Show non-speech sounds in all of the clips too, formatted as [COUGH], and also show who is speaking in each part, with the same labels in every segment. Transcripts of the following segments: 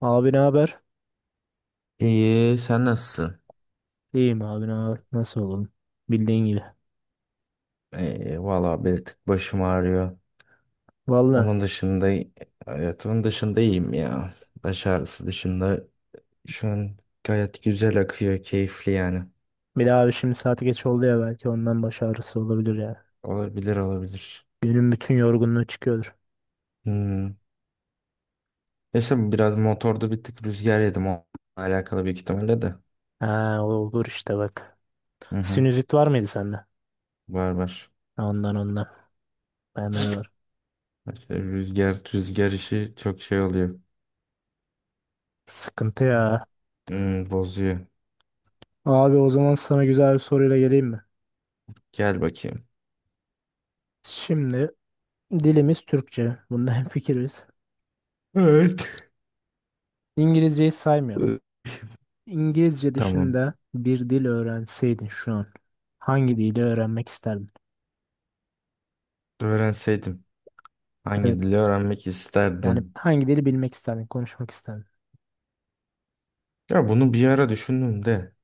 Speaker 1: Abi ne haber?
Speaker 2: İyi, sen nasılsın?
Speaker 1: İyiyim abi, ne haber? Nasıl olalım? Bildiğin gibi.
Speaker 2: İyi, valla bir tık başım ağrıyor.
Speaker 1: Valla
Speaker 2: Onun dışında, hayatımın dışında iyiyim ya. Baş ağrısı dışında şu an gayet güzel akıyor, keyifli yani.
Speaker 1: bir daha abi, şimdi saati geç oldu ya, belki ondan baş ağrısı olabilir ya.
Speaker 2: Olabilir, olabilir.
Speaker 1: Günün bütün yorgunluğu çıkıyordur.
Speaker 2: Hmm. Neyse biraz motorda bir tık rüzgar yedim, o alakalı büyük ihtimalle de.
Speaker 1: Ha, olur işte bak.
Speaker 2: Hı hı,
Speaker 1: Sinüzit var mıydı sende?
Speaker 2: var var.
Speaker 1: Ondan ondan. Bende de var.
Speaker 2: İşte Rüzgar, rüzgar işi çok şey oluyor.
Speaker 1: Sıkıntı ya.
Speaker 2: Bozuyor.
Speaker 1: Abi, o zaman sana güzel bir soruyla geleyim mi?
Speaker 2: Gel bakayım.
Speaker 1: Şimdi dilimiz Türkçe. Bunda [LAUGHS] hemfikiriz.
Speaker 2: Evet.
Speaker 1: İngilizceyi saymıyorum. İngilizce
Speaker 2: Tamam.
Speaker 1: dışında bir dil öğrenseydin şu an hangi dili öğrenmek isterdin?
Speaker 2: Öğrenseydim. Hangi
Speaker 1: Evet.
Speaker 2: dili öğrenmek
Speaker 1: Yani
Speaker 2: isterdim?
Speaker 1: hangi dili bilmek isterdin, konuşmak isterdin?
Speaker 2: Ya bunu bir ara düşündüm de.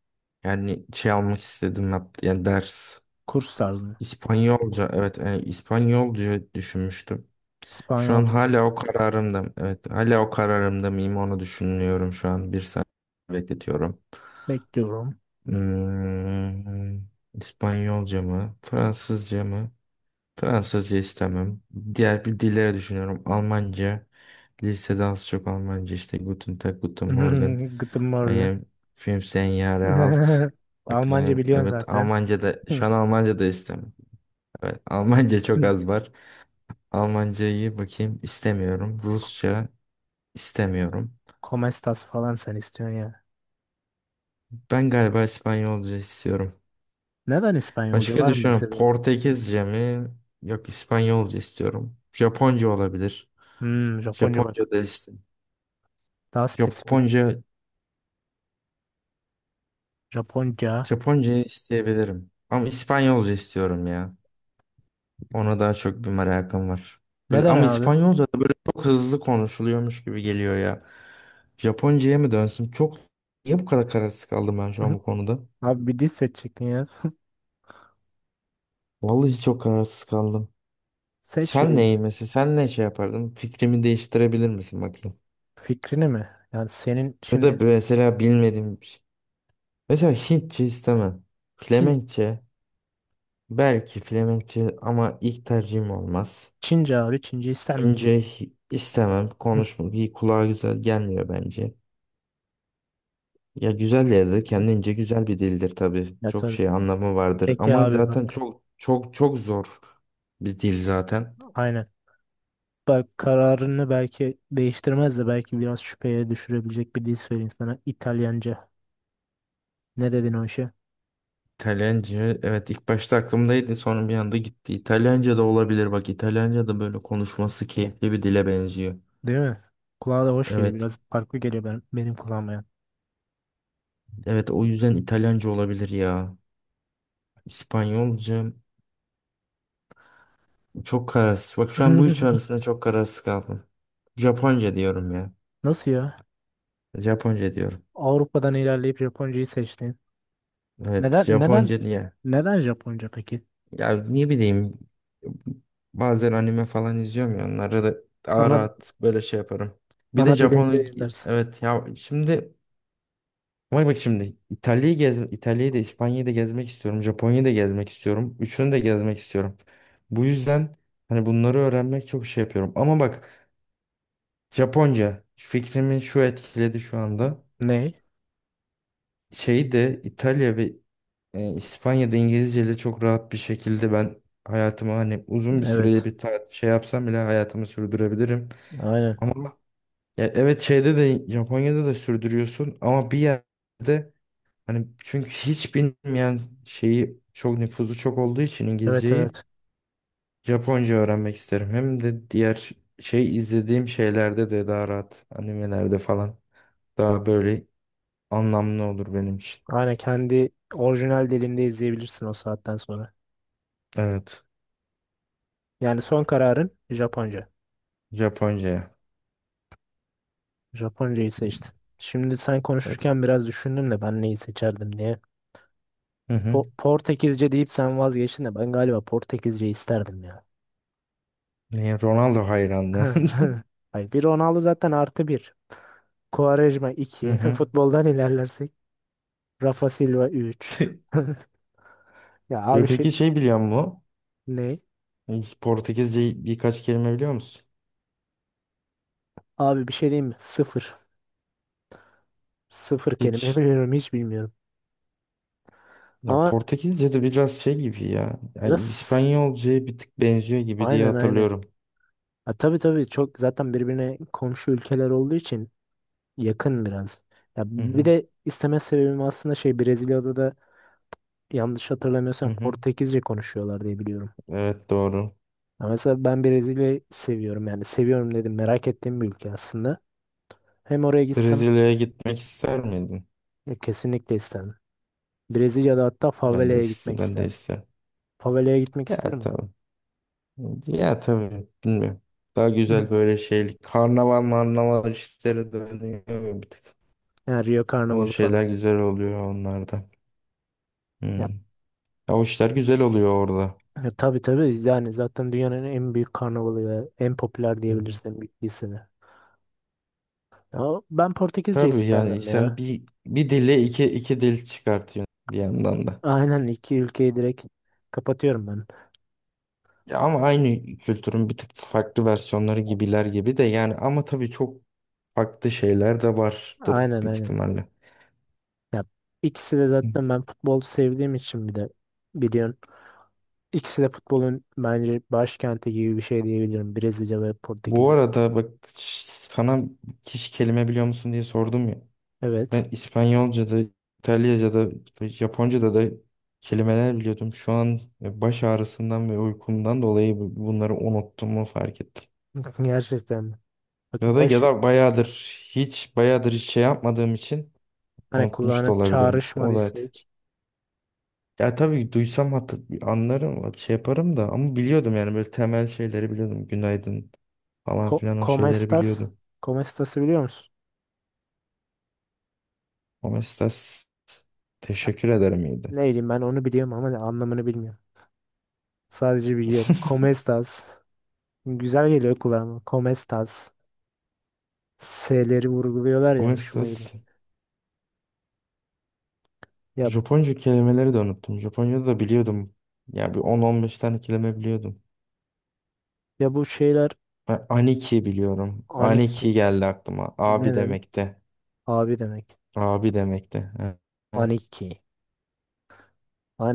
Speaker 2: Yani şey almak istedim hatta, yani ders.
Speaker 1: Kurs tarzı mı?
Speaker 2: İspanyolca, evet, yani İspanyolca düşünmüştüm. Şu an
Speaker 1: İspanyolca.
Speaker 2: hala o kararımda. Evet, hala o kararımda mıyım onu düşünüyorum şu an. Bir saniye bekletiyorum.
Speaker 1: Bekliyorum.
Speaker 2: Hmm, İspanyolca mı? Fransızca mı? Fransızca istemem. Diğer bir dilleri düşünüyorum. Almanca. Lisede az çok Almanca işte. Guten Tag, Guten Morgen.
Speaker 1: [LAUGHS] Guten
Speaker 2: I
Speaker 1: Morgen.
Speaker 2: am fünfzehn Jahre alt.
Speaker 1: [LAUGHS] Almanca
Speaker 2: Bakayım.
Speaker 1: biliyorsun
Speaker 2: Evet,
Speaker 1: zaten.
Speaker 2: Almanca da,
Speaker 1: [LAUGHS] Hı.
Speaker 2: şu an Almanca da istemem. Evet, Almanca çok
Speaker 1: Hı.
Speaker 2: az var. Almancayı bakayım istemiyorum. Rusça istemiyorum.
Speaker 1: Como estas falan sen istiyorsun ya.
Speaker 2: Ben galiba İspanyolca istiyorum.
Speaker 1: Neden İspanyolca?
Speaker 2: Başka
Speaker 1: Var mı bir
Speaker 2: düşünüyorum.
Speaker 1: sebebi?
Speaker 2: Portekizce mi? Yok, İspanyolca istiyorum. Japonca olabilir.
Speaker 1: Hmm, Japonca bak.
Speaker 2: Japonca da istiyorum.
Speaker 1: Daha spesifik.
Speaker 2: Japonca
Speaker 1: Japonca.
Speaker 2: Japonca isteyebilirim. Ama İspanyolca istiyorum ya. Ona daha çok bir merakım var. Böyle,
Speaker 1: Neden
Speaker 2: ama
Speaker 1: abi? [LAUGHS]
Speaker 2: İspanyolca da böyle çok hızlı konuşuluyormuş gibi geliyor ya. Japonca'ya mı dönsün? Çok, niye bu kadar kararsız kaldım ben şu an
Speaker 1: Hı.
Speaker 2: bu konuda?
Speaker 1: Abi bir dil seçecektin ya.
Speaker 2: Vallahi çok kararsız kaldım.
Speaker 1: [LAUGHS] Seç
Speaker 2: Sen neyi
Speaker 1: birini.
Speaker 2: mesela sen ne şey yapardın? Fikrimi değiştirebilir misin bakayım?
Speaker 1: Fikrini mi? Yani senin
Speaker 2: Ya da
Speaker 1: şimdi
Speaker 2: mesela bilmediğim bir şey. Mesela Hintçe istemem.
Speaker 1: Hint,
Speaker 2: Flemenkçe belki Flemenkçe ama ilk tercihim olmaz.
Speaker 1: Çince abi. Çince ister miydin?
Speaker 2: İnce istemem.
Speaker 1: [LAUGHS] Hı.
Speaker 2: Konuşmak iyi kulağa güzel gelmiyor bence. Ya güzel yerde kendince güzel bir dildir tabii.
Speaker 1: Ya
Speaker 2: Çok
Speaker 1: tabii.
Speaker 2: şey anlamı vardır
Speaker 1: Peki
Speaker 2: ama
Speaker 1: abi
Speaker 2: zaten
Speaker 1: bak.
Speaker 2: çok çok çok zor bir dil zaten.
Speaker 1: Aynen. Bak, kararını belki değiştirmez de belki biraz şüpheye düşürebilecek bir dil söyleyeyim sana. İtalyanca. Ne dedin o işe?
Speaker 2: İtalyanca, evet, ilk başta aklımdaydı, sonra bir anda gitti. İtalyanca da olabilir, bak İtalyanca da böyle konuşması keyifli bir dile benziyor.
Speaker 1: Değil mi? Kulağa da hoş geliyor.
Speaker 2: Evet
Speaker 1: Biraz farklı geliyor ben, benim kulağıma. Yani.
Speaker 2: evet, o yüzden İtalyanca olabilir ya. İspanyolca çok kararsız. Bak şu an bu üç arasında
Speaker 1: [LAUGHS]
Speaker 2: çok kararsız kaldım. Japonca diyorum ya.
Speaker 1: Nasıl ya?
Speaker 2: Japonca diyorum.
Speaker 1: Avrupa'dan ilerleyip Japoncayı seçtin.
Speaker 2: Evet,
Speaker 1: Neden neden
Speaker 2: Japonca diye.
Speaker 1: neden Japonca peki?
Speaker 2: Ya ne bileyim, bazen anime falan izliyorum ya, onları da daha
Speaker 1: Ana
Speaker 2: rahat böyle şey yaparım. Bir de
Speaker 1: ana dilinde
Speaker 2: Japon
Speaker 1: izlersin.
Speaker 2: evet ya, şimdi bak bak şimdi İtalya'yı da İspanya'yı da gezmek istiyorum. Japonya'yı da gezmek istiyorum. Üçünü de gezmek istiyorum. Bu yüzden hani bunları öğrenmek çok şey yapıyorum. Ama bak, Japonca fikrimi şu etkiledi şu anda.
Speaker 1: Ne?
Speaker 2: Şeyi de İtalya ve İspanya'da İngilizceyle çok rahat bir şekilde ben hayatımı, hani uzun bir süreli
Speaker 1: Evet.
Speaker 2: bir şey yapsam bile hayatımı sürdürebilirim.
Speaker 1: Aynen.
Speaker 2: Ama ya evet, şeyde de, Japonya'da da sürdürüyorsun ama bir yerde hani, çünkü hiç bilmeyen şeyi çok, nüfuzu çok olduğu için
Speaker 1: Evet,
Speaker 2: İngilizceyi.
Speaker 1: evet.
Speaker 2: Japonca öğrenmek isterim. Hem de diğer şey izlediğim şeylerde de daha rahat animelerde falan daha böyle anlamlı olur benim için.
Speaker 1: Aynen, kendi orijinal dilinde izleyebilirsin o saatten sonra.
Speaker 2: Evet
Speaker 1: Yani son kararın Japonca.
Speaker 2: Japonca'ya.
Speaker 1: Japoncayı seçtin. Şimdi sen konuşurken biraz düşündüm de ben neyi seçerdim diye.
Speaker 2: Hı hı.
Speaker 1: Portekizce deyip sen vazgeçtin de ben galiba Portekizce isterdim ya.
Speaker 2: Ne, Ronaldo hayranlığı. [LAUGHS]
Speaker 1: [LAUGHS] Hayır, bir Ronaldo zaten artı bir. Quaresma
Speaker 2: Hı
Speaker 1: iki. [LAUGHS]
Speaker 2: hı.
Speaker 1: Futboldan ilerlersek. Rafa Silva 3. [LAUGHS]
Speaker 2: [LAUGHS]
Speaker 1: Ya abi şey,
Speaker 2: Peki şey biliyor musun?
Speaker 1: ne?
Speaker 2: Hiç Portekizce birkaç kelime biliyor musun?
Speaker 1: Abi bir şey diyeyim mi? Sıfır. Sıfır kelime [LAUGHS]
Speaker 2: Hiç.
Speaker 1: biliyorum, hiç bilmiyorum.
Speaker 2: Ya
Speaker 1: Ama
Speaker 2: Portekizce de biraz şey gibi ya. Yani
Speaker 1: biraz,
Speaker 2: İspanyolcaya bir tık benziyor gibi diye
Speaker 1: aynen aynen.
Speaker 2: hatırlıyorum.
Speaker 1: Ha, tabii tabii, çok zaten birbirine komşu ülkeler olduğu için yakın biraz. Ya
Speaker 2: Hı
Speaker 1: bir
Speaker 2: hı.
Speaker 1: de isteme sebebim aslında şey, Brezilya'da da, yanlış
Speaker 2: Hı
Speaker 1: hatırlamıyorsam,
Speaker 2: hı.
Speaker 1: Portekizce konuşuyorlar diye biliyorum.
Speaker 2: Evet doğru.
Speaker 1: Ya mesela ben Brezilya'yı seviyorum, yani seviyorum dedim, merak ettiğim bir ülke aslında. Hem oraya gitsem
Speaker 2: Brezilya'ya gitmek ister miydin?
Speaker 1: ya kesinlikle isterdim. Brezilya'da hatta
Speaker 2: Ben de
Speaker 1: favelaya
Speaker 2: ister,
Speaker 1: gitmek
Speaker 2: ben de
Speaker 1: isterdim.
Speaker 2: ister.
Speaker 1: Favelaya gitmek
Speaker 2: Ya
Speaker 1: isterim.
Speaker 2: tabii. Ya tabii. Bilmiyorum. Daha güzel
Speaker 1: [LAUGHS]
Speaker 2: böyle şey. Karnaval marnaval işleri dönüyor bir tık.
Speaker 1: Yani Rio
Speaker 2: O
Speaker 1: Karnavalı falan.
Speaker 2: şeyler güzel oluyor onlarda. Hmm.
Speaker 1: Ya,
Speaker 2: Ya o işler güzel oluyor orada.
Speaker 1: ya tabii tabii, yani zaten dünyanın en büyük karnavalı ve en popüler
Speaker 2: Hı hı.
Speaker 1: diyebilirsin büyük lisede. Ya ben Portekizce
Speaker 2: Tabii yani,
Speaker 1: isterdim
Speaker 2: sen
Speaker 1: ya.
Speaker 2: bir dille iki dil çıkartıyorsun bir yandan da.
Speaker 1: Aynen, iki ülkeyi direkt kapatıyorum ben.
Speaker 2: Ya ama aynı kültürün bir tık farklı versiyonları gibiler gibi de yani, ama tabii çok farklı şeyler de vardır
Speaker 1: Aynen
Speaker 2: büyük
Speaker 1: aynen.
Speaker 2: ihtimalle.
Speaker 1: Ya ikisi de,
Speaker 2: Hı.
Speaker 1: zaten ben futbol sevdiğim için bir de biliyorsun. İkisi de futbolun bence başkenti gibi bir şey diyebilirim. Brezilya ve
Speaker 2: Bu
Speaker 1: Portekiz'e.
Speaker 2: arada bak, sana hiç kelime biliyor musun diye sordum ya. Ben
Speaker 1: Evet.
Speaker 2: İspanyolca'da, İtalyaca'da, Japonca'da da kelimeler biliyordum. Şu an baş ağrısından ve uykumdan dolayı bunları unuttuğumu fark ettim.
Speaker 1: [LAUGHS] Gerçekten. Bak
Speaker 2: Ya da ya
Speaker 1: baş,
Speaker 2: da bayağıdır hiç şey yapmadığım için
Speaker 1: hani
Speaker 2: unutmuş
Speaker 1: kulağını
Speaker 2: da olabilirim. O da
Speaker 1: çağrışmadıysa hiç.
Speaker 2: ya tabii, duysam hatta anlarım, şey yaparım da ama biliyordum yani böyle temel şeyleri biliyordum. Günaydın falan
Speaker 1: Ko
Speaker 2: filan, o
Speaker 1: Como
Speaker 2: şeyleri
Speaker 1: estas?
Speaker 2: biliyordum.
Speaker 1: Como estas'ı biliyor musun?
Speaker 2: Omestas,
Speaker 1: Ha,
Speaker 2: teşekkür ederim, iyiydi.
Speaker 1: ne bileyim, ben onu biliyorum ama anlamını bilmiyorum. Sadece biliyorum. Como
Speaker 2: [LAUGHS]
Speaker 1: estas? Güzel geliyor kulağıma. Como estas? S'leri vurguluyorlar ya, hoşuma gidiyor.
Speaker 2: Omestas,
Speaker 1: Ya
Speaker 2: Japonca kelimeleri de unuttum. Japonca'da da biliyordum. Ya bir 10-15 tane kelime biliyordum.
Speaker 1: ya bu şeyler,
Speaker 2: Ben aniki biliyorum.
Speaker 1: aniki
Speaker 2: Aniki geldi aklıma. Abi
Speaker 1: ne demek?
Speaker 2: demekte.
Speaker 1: Abi demek.
Speaker 2: Abi demekte. Evet.
Speaker 1: Aniki.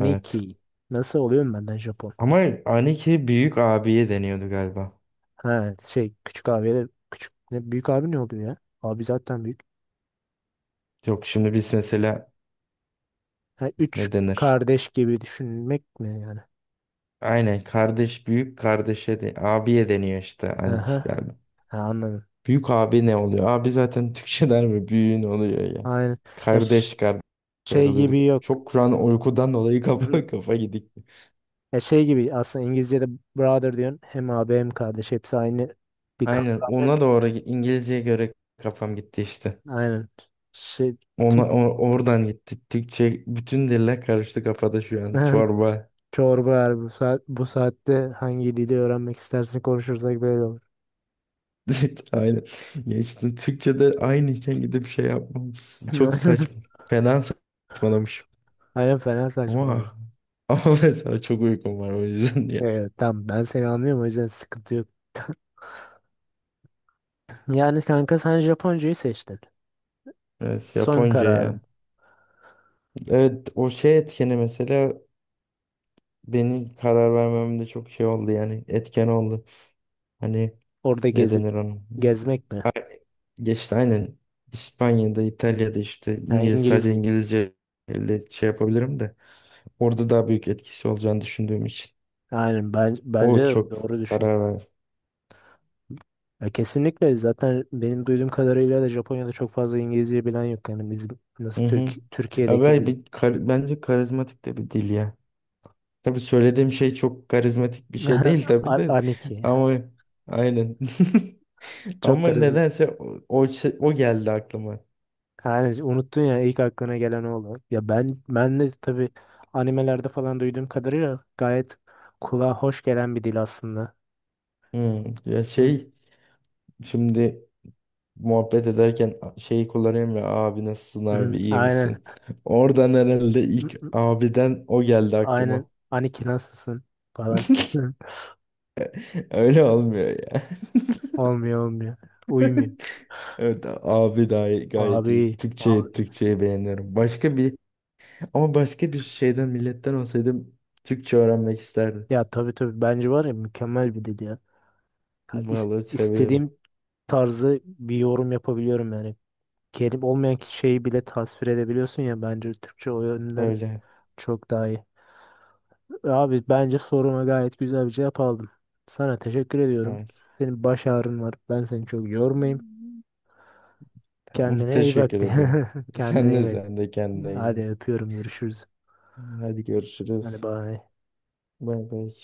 Speaker 2: Evet.
Speaker 1: Nasıl oluyorum benden Japon?
Speaker 2: Ama aniki büyük abiye deniyordu galiba.
Speaker 1: Ha şey, küçük abiye, küçük ne, büyük abi ne oluyor ya? Abi zaten büyük.
Speaker 2: Yok, şimdi biz mesela
Speaker 1: Ha, üç
Speaker 2: ne denir?
Speaker 1: kardeş gibi düşünmek mi yani?
Speaker 2: Aynen, kardeş, büyük kardeşe de abiye deniyor işte,
Speaker 1: Aha.
Speaker 2: aniki galiba.
Speaker 1: Ha, anladım.
Speaker 2: Büyük abi ne oluyor? Abi zaten Türkçeler mi? Büyüğün oluyor ya.
Speaker 1: Aynen. Ya ş-
Speaker 2: Kardeş kardeş
Speaker 1: Şey gibi
Speaker 2: ayrılıyorduk.
Speaker 1: yok.
Speaker 2: Çok şu an uykudan dolayı
Speaker 1: [CLEARS THROAT] Hı.
Speaker 2: kafa [LAUGHS] kafa gidik.
Speaker 1: Ya şey gibi aslında İngilizce'de brother diyorsun. Hem abi hem kardeş, hepsi aynı, bir
Speaker 2: Aynen,
Speaker 1: kavram yok
Speaker 2: ona
Speaker 1: ya.
Speaker 2: doğru İngilizceye göre kafam gitti işte.
Speaker 1: Aynen. Şey,
Speaker 2: Ona oradan gitti. Türkçe bütün diller karıştı kafada şu an.
Speaker 1: [LAUGHS]
Speaker 2: Çorba.
Speaker 1: çorba yani, bu saat, bu saatte hangi dili öğrenmek istersin konuşursak böyle olur.
Speaker 2: [LAUGHS] Aynen. Ya işte Türkçe'de aynıyken gidip şey yapmam çok saçma.
Speaker 1: [LAUGHS]
Speaker 2: Fena saçmalamışım.
Speaker 1: Aynen, fena saçmalıyor.
Speaker 2: Ama [LAUGHS] ama mesela çok uykum var, o yüzden diye.
Speaker 1: Evet tamam, ben seni anlıyorum, o yüzden sıkıntı yok. Yani kanka sen Japoncayı seçtin.
Speaker 2: Evet
Speaker 1: Son
Speaker 2: Japonca
Speaker 1: kararım.
Speaker 2: ya. Evet o şey etkeni, mesela benim karar vermemde çok şey oldu, yani etken oldu. Hani
Speaker 1: Orada
Speaker 2: ne
Speaker 1: gezip
Speaker 2: denir onun?
Speaker 1: gezmek mi?
Speaker 2: Geçti aynen, İspanya'da, İtalya'da işte
Speaker 1: Yani
Speaker 2: Sadece
Speaker 1: İngilizce.
Speaker 2: İngilizce ile şey yapabilirim de orada daha büyük etkisi olacağını düşündüğüm için,
Speaker 1: Aynen, ben bence
Speaker 2: o
Speaker 1: de
Speaker 2: çok
Speaker 1: doğru düşündün.
Speaker 2: karar ver.
Speaker 1: Ya kesinlikle, zaten benim duyduğum kadarıyla da Japonya'da çok fazla İngilizce bilen yok. Yani biz
Speaker 2: Hı
Speaker 1: nasıl
Speaker 2: hı.
Speaker 1: Türk,
Speaker 2: Ya
Speaker 1: Türkiye'deki
Speaker 2: ben
Speaker 1: gibi.
Speaker 2: bence karizmatik de bir dil ya. Tabii söylediğim şey çok karizmatik bir şey
Speaker 1: [LAUGHS]
Speaker 2: değil tabii
Speaker 1: A-
Speaker 2: de,
Speaker 1: Aniki.
Speaker 2: ama aynen. [LAUGHS]
Speaker 1: Çok
Speaker 2: Ama
Speaker 1: karizma.
Speaker 2: nedense o geldi aklıma.
Speaker 1: Yani unuttun ya, ilk aklına gelen o oldu. Ya ben, ben de tabii animelerde falan duyduğum kadarıyla gayet kulağa hoş gelen bir dil aslında.
Speaker 2: Ya
Speaker 1: Hı,
Speaker 2: şey, şimdi muhabbet ederken şeyi kullanıyorum ya, abi nasılsın,
Speaker 1: hı,
Speaker 2: abi iyi
Speaker 1: aynen.
Speaker 2: misin? [LAUGHS] Oradan herhalde
Speaker 1: Hı,
Speaker 2: ilk
Speaker 1: hı,
Speaker 2: abiden o geldi aklıma.
Speaker 1: aynen. Aniki nasılsın falan. Hı.
Speaker 2: [LAUGHS] Öyle olmuyor ya.
Speaker 1: Olmuyor olmuyor. Uymuyor.
Speaker 2: [LAUGHS] Evet abi dahi gayet iyi.
Speaker 1: Abi
Speaker 2: Türkçeyi
Speaker 1: abi.
Speaker 2: Türkçeyi beğeniyorum. Başka bir şeyden milletten olsaydım Türkçe öğrenmek isterdim.
Speaker 1: Ya tabii tabii, bence var ya, mükemmel bir dil ya. Ya
Speaker 2: Vallahi seviyorum.
Speaker 1: istediğim tarzı bir yorum yapabiliyorum yani. Kelime olmayan şeyi bile tasvir edebiliyorsun ya, bence Türkçe o yönden
Speaker 2: Öyle.
Speaker 1: çok daha iyi. Abi bence soruma gayet güzel bir cevap aldım. Sana teşekkür ediyorum.
Speaker 2: Evet.
Speaker 1: Senin baş ağrın var. Ben seni çok yormayayım.
Speaker 2: Tamam,
Speaker 1: Kendine iyi bak.
Speaker 2: teşekkür ederim.
Speaker 1: [LAUGHS] Kendine
Speaker 2: Sen
Speaker 1: iyi
Speaker 2: de
Speaker 1: bak.
Speaker 2: sen de kendine iyi
Speaker 1: Hadi
Speaker 2: bak.
Speaker 1: öpüyorum. Görüşürüz.
Speaker 2: Hadi görüşürüz.
Speaker 1: Hadi bye.
Speaker 2: Bay bay.